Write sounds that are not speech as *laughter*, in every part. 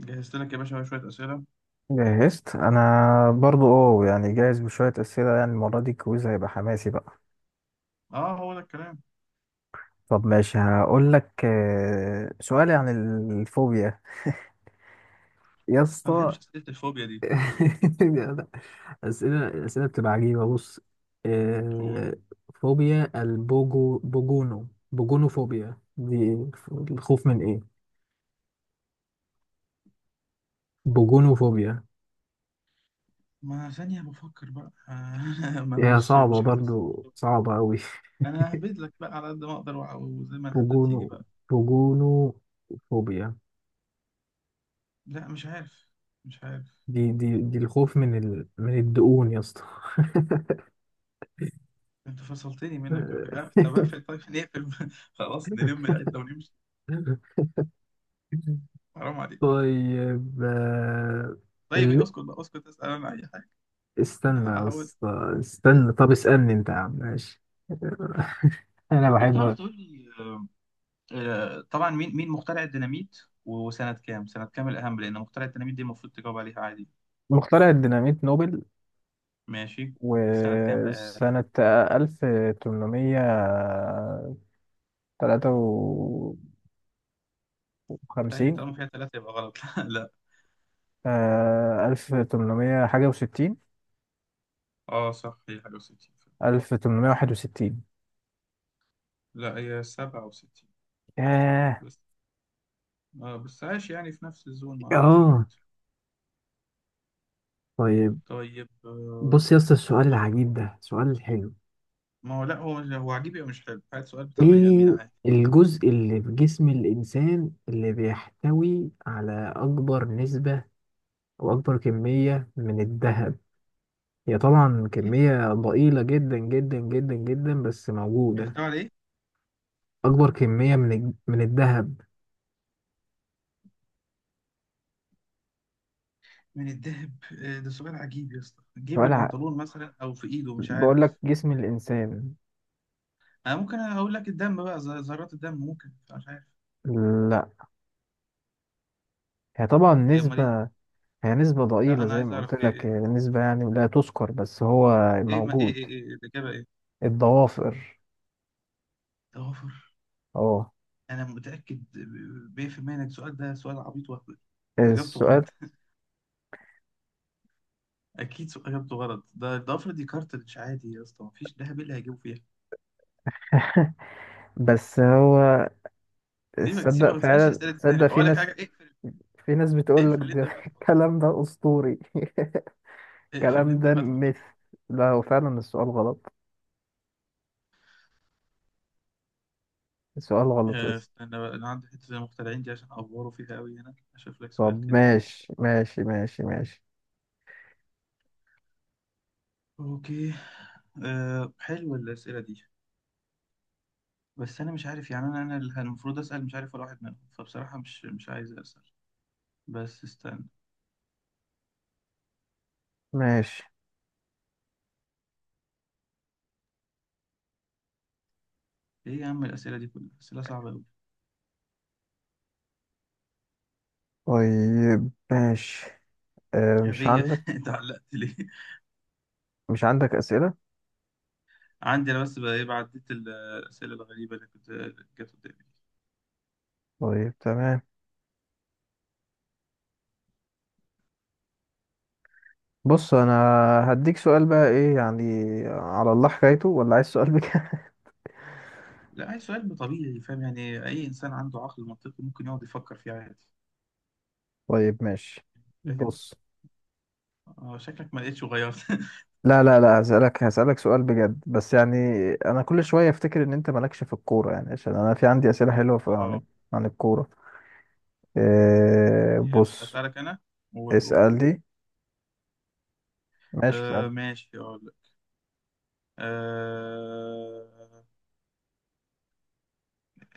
جهزت لك يا باشا شوية أسئلة. جهزت انا برضو يعني جاهز بشوية اسئلة، يعني المرة دي الكويز هيبقى حماسي بقى. اه، هو ده الكلام. طب ماشي، هقول لك، سؤالي عن الفوبيا يا ما اسطى. بحبش أسئلة الفوبيا دي. *laughs* الاسئلة بتبقى عجيبة. بص، تقول، آه، فوبيا البوجو بوجونو بوجونوفوبيا دي، الخوف من ايه؟ بوجونوفوبيا. ما ثانية بفكر بقى *laughs* ما أنا ما هي مش صعبة، مش حافظ. برضو صعبة أوي. أنا ههبد *laughs* لك بقى على قد ما أقدر وزي ما الهبدة بوجونو تيجي بقى. بوجونوفوبيا، لا مش عارف، مش عارف. دي الخوف من الدقون يا اسطى. أنت فصلتني منك يا أخي. *laughs* آه، طب أقفل، طيب نقفل *laughs* خلاص نلم العدة ونمشي. حرام عليك. طيب، طيب إيه، ال... اسكت بقى اسكت، أسأل أنا أي حاجة. أنا استنى يا هحاول. اسطى، استنى. طب اسألني انت يا عم، ماشي. *laughs* انا طب تعرف بحب. تقول لي، آه، طبعا، مين مخترع الديناميت؟ وسنة كام، سنة كام الأهم، لأن مخترع الديناميت دي المفروض تجاوب عليها عادي. مخترع الديناميت نوبل، ماشي، سنة كام بقى؟ وسنة 1853. لا، هي طالما فيها ثلاثة يبقى غلط *laughs* لا. 1800 حاجة و60. اه صح، هي حاجة وستين. 1861. لا، هي سبعة وستين. ياه. بس آه، بس عايش يعني في نفس الزون، ما قربتش اه بعيد. طيب. طيب آه، بص يا اسطى، السؤال قول. العجيب قول. ده سؤال حلو. ما هو لا، هو هو عجيب أو مش حلو، هات سؤال بتاع بني آدمين ايه عادي. الجزء اللي في جسم الانسان اللي بيحتوي على اكبر نسبة او اكبر كمية من الذهب؟ هي طبعا إيه، كمية ضئيلة جدا جدا جدا جدا، بس موجودة. بيحتوي على إيه اكبر كمية من الذهب. من الذهب؟ آه، ده سؤال عجيب يا اسطى، جيب سؤال ع... البنطلون مثلا أو في إيده، مش بقول عارف. لك جسم الانسان. انا ممكن اقول لك الدم بقى، ذرات الدم ممكن، مش عارف. لا، هي طبعا ايه امال ايه؟ نسبة. هي نسبة لا ضئيلة انا زي عايز ما قلت اعرف ايه، لك، ايه هي نسبة يعني لا تذكر، بس هو ايه؟ ما ايه موجود. ايه، إيه الاجابه، ايه؟ الضوافر. توافر؟ اه انا متاكد 100% انك السؤال ده سؤال عبيط وهبل، واجابته السؤال، غلط *laughs* اكيد سؤال اجابته غلط، ده الضفر دي كارتريدج عادي يا اسطى، مفيش دهب، إيه اللي هيجيبه فيها؟ بس هو سيبك *laughs* سيبك، تصدق، ما تسالش فعلا اسئله تاني، تصدق، في بقول لك حاجه ناس اقفل. في ناس بتقول لك اقفل اللي ده. انت *laughs* فاتحه ده. الكلام ده أسطوري. *laughs* اقفل اللي الكلام انت ده فاتحه ده. مثل. لا، هو فعلا السؤال غلط. السؤال غلط، آه، يس. استنى بقى، انا عندي حته المخترعين دي عشان افوره فيها قوي، هنا اشوف لك سؤال طب كده، ايه. ماشي ماشي ماشي ماشي اوكي. أه، حلوة الأسئلة دي. بس انا مش عارف يعني، انا اللي المفروض اسال، مش عارف ولا واحد منهم، فبصراحه مش عايز اسال. بس استنى. ماشي. ايه يا عم، الاسئله دي كلها اسئله صعبه قوي. طيب ماشي. أه مش ايه، عندك اتعلقت *laughs* ليه؟ مش عندك أسئلة؟ عندي انا بس بقى، ايه، عديت الاسئله الغريبه اللي كنت جت قدامي دي. طيب تمام. بص أنا هديك سؤال بقى، إيه يعني، على الله حكايته ولا عايز سؤال بك؟ لا، عايز سؤال طبيعي، فاهم، يعني اي انسان عنده عقل منطقي ممكن يقعد يفكر فيه عادي. *laughs* طيب ماشي. فاهم. بص، اه شكلك ما لقيتش غيرت *laughs* لا لا لا، هسألك سؤال بجد، بس يعني، أنا كل شوية أفتكر إن أنت مالكش في الكورة، يعني عشان أنا في عندي أسئلة حلوة في- عن اه. عن الكورة. إيه، يبقى بص، اسالك انا وتقول. اسألني. ماشي آه اسألني. ماشي، اقول لك. آه،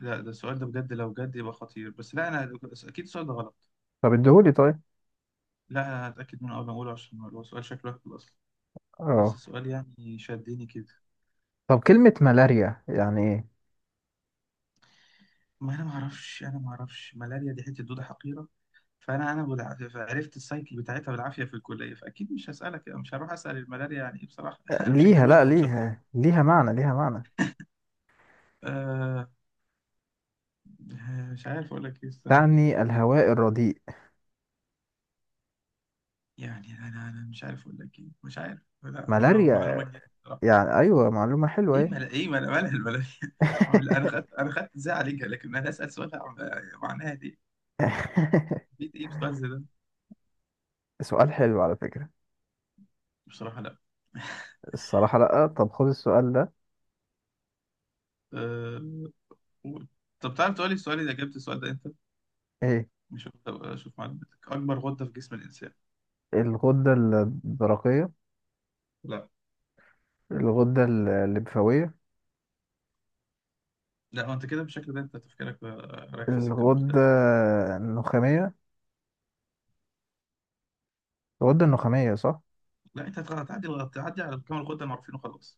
لا، ده السؤال ده بجد، لو جد يبقى خطير، بس لا، انا اكيد السؤال ده غلط. طب اديهولي طيب. لا انا هتاكد منه قبل ما اقوله، عشان هو سؤال شكله هبل اصلا. بس اه السؤال يعني شدني كده. طب كلمة ملاريا يعني إيه؟ ما انا ما اعرفش، انا ما اعرفش، ملاريا دي حته دوده حقيره، فانا انا عرفت السايكل بتاعتها بالعافيه في الكليه، فاكيد مش هسالك، مش هروح اسال الملاريا يعني ايه بصراحه *laughs* انا مش هتجوزها لا، او مش... ليها معنى، ليها معنى، آه، مش عارف اقول لك ايه، استنى. تعني الهواء الرديء. يعني انا انا مش عارف اقول لك ايه، مش عارف، لا معلومه ملاريا، جديده. يعني أيوة معلومة حلوة، ايه إيه. مل... ايه مل... مالها الملاهي *laughs* انا خدت، انا خدت ازاي عليك؟ لكن انا اسال سؤال معناها دي، *laughs* بيت ايه بسؤال زي ده؟ سؤال حلو على فكرة. بصراحه لا. الصراحة لأ. طب خد السؤال ده. أه، قول. طب تعرف تقولي السؤال اذا جبت السؤال ده انت؟ إيه؟ مش هبقى اشوف معلوماتك. اكبر غده في جسم الانسان؟ الغدة الدرقية. لا. الغدة الليمفاوية. لا، انت كده بالشكل ده انت تفكيرك بقى رايح في سكه الغدة مختلفه. النخامية. الغدة النخامية صح. لا، انت هتغ- هتعدي تعدي على كام الغده المعروفين وخلاص.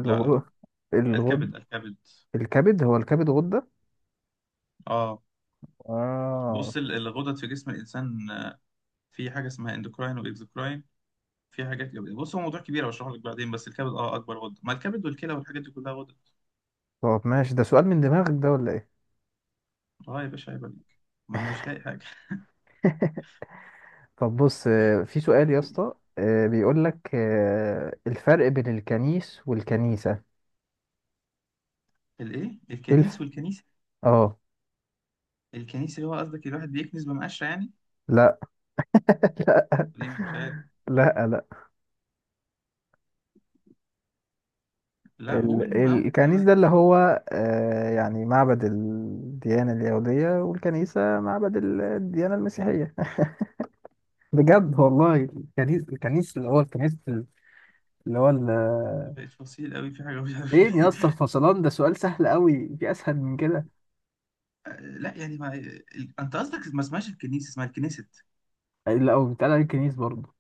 لا، الغد الكبد، الكبد. الكبد. هو الكبد غدة؟ اه. اه. بص، الغدد في جسم الانسان آه، في حاجه اسمها اندوكراين واكزوكراين، في حاجات جميله، بص هو موضوع كبير هشرحه لك بعدين، بس الكبد، اه، اكبر غده، ما الكبد والكلى والحاجات دي كلها غده. طب ماشي ده، سؤال من دماغك ده ولا ايه؟ اه يا باشا، عيب عليك، ما انا مش لاقي حاجه *laughs* طب بص، في سؤال يا اسطى، *laughs* بيقول لك، الفرق بين الكنيس والكنيسة. الايه، الكنيس الف والكنيسه؟ اه الكنيسه اللي هو قصدك الواحد بيكنس بمقشره يعني؟ لا. *laughs* ليه مش عارف. لا لا لا. لا قول، ما قول، ما الكنيس ما-. ده اللي هو، يعني معبد الديانة اليهودية، والكنيسة معبد الديانة المسيحية. *laughs* بجد والله، الكنيس اللي هو الكنيس، اللي هو بقيت فصيل قوي في حاجه مش عارف فين يا ليه اسطى *laughs* الفصلان ده؟ سؤال سهل قوي، في اسهل من كده؟ لا يعني ما ال-، انت قصدك ما اسمهاش الكنيسه، اسمها الكنيست. لا هو بيتقال عليه الكنيس برضه.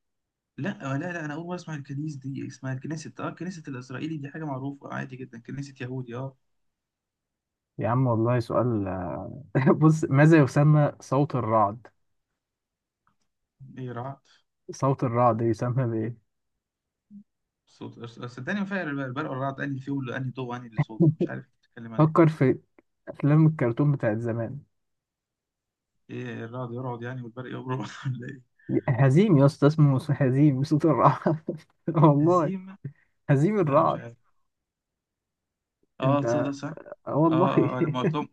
لا آه، لا لا، انا اول مره اسمع الكنيس دي، اسمها الكنيست، اه الكنيست الاسرائيلي دي حاجه معروفه عادي جدا، كنيسه يهودي اه. يا عم والله سؤال. *laughs* بص، ماذا يسمى صوت الرعد؟ ايه رعت؟ صوت الرعد يسمى بايه؟ صوت صدقني ما فرق البرق، البرق والرعد انهي فيهم اللي انهي ضوء انهي اللي صوت، فمش عارف بتتكلم عن فكر في افلام الكرتون بتاعت زمان. ايه. ايه، الرعد يرعد يعني والبرق يبرق *laughs* ولا ايه؟ هزيم يا اسطى، اسمه هزيم صوت الرعد. *laughs* والله هزيمة؟ هزيم لا، مش الرعد. عارف. اه انت؟ تصدق صح. آه اه والله. اه آه، لما قلتهم،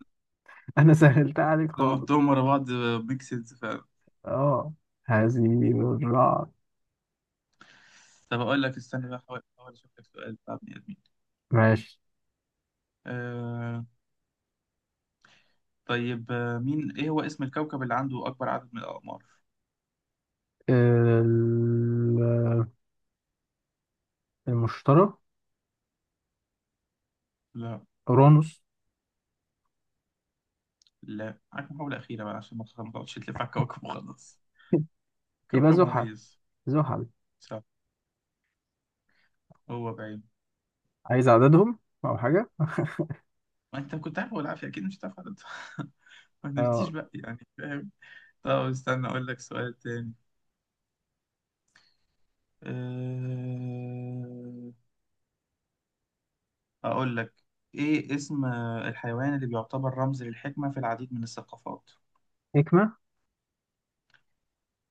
*laughs* انا سهلتها عليك لما خالص. قلتهم ورا بعض، ميكسز فعلا. اه هزيم الرعد. طب اقول لك، استنى بقى، احاول احاول اشوف لك سؤال بتاع بني ادمين. ماشي. آه. طيب آه، مين، ايه هو اسم الكوكب اللي عنده اكبر عدد من الاقمار؟ ال- المشتري. لا. اورانوس. لا، معاك محاولة أخيرة بقى عشان ما تقعدش تلف على الكوكب وخلاص. *laughs* يبقى كوكب زحل. مميز. زحل. صح. هو بعيد. عايز عددهم او حاجه؟ ما انت كنت عارف والعافية، اكيد مش هتعرف عدد *laughs* ما نفتيش اه. بقى يعني، فاهم. طب استنى اقول لك سؤال تاني. أه، اقول لك، ايه اسم الحيوان اللي بيعتبر رمز للحكمة في العديد من الثقافات؟ نجمه.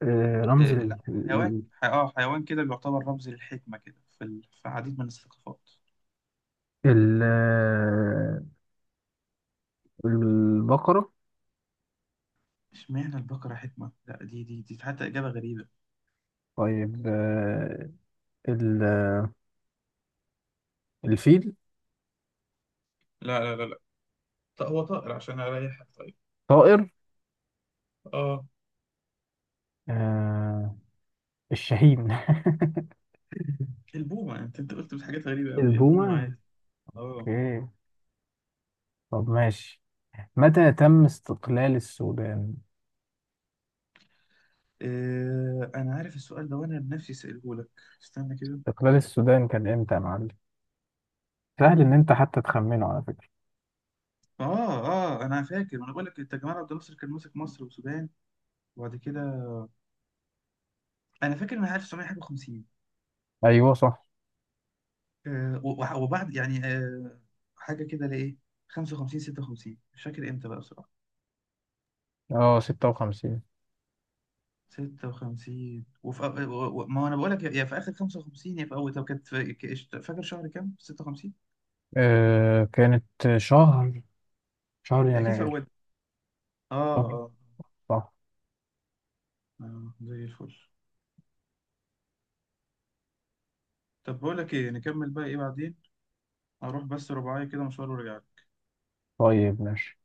رمز أه، لا. حيوان اه حيوان كده بيعتبر رمز للحكمة كده في ال... في عديد من الثقافات. ال- آه، البقره. اشمعنى البقرة حكمة؟ لا، دي حتى إجابة غريبة. طيب، ال... الفيل. لا. طب هو طائر، عشان اريحك طيب. طائر؟ اه. آه الشاهين. *laughs* البومة، انت قلت حاجات غريبة قوي، البومة البومه. عادي. اه. اوكي. طب ماشي. متى تم استقلال السودان؟ آه، انا عارف السؤال ده وانا بنفسي سأله لك، استنى كده. استقلال السودان كان امتى يا معلم؟ سهل ان انت حتى تخمنه على فكرة. اه اه، انا فاكر، وانا بقول لك انت، جمال عبد الناصر كان ماسك مصر والسودان، وبعد كده انا فاكر ان 1950، ايوه صح. آه وبعد يعني آه حاجه كده لايه 55، 56، مش فاكر امتى بقى بصراحه. اه 56. 56، وفي أو... ما انا بقول لك، يا في اخر 55 يا في اول، طب كانت في... ك- فاكر شهر كام 56؟ كانت شهر، اكيد في يناير. اول، اه شهر، اه. صح. اه زي الفل. طب بقول لك ايه، نكمل بقى ايه بعدين، اروح بس رباعية كده مشوار وارجع. طيب ماشي.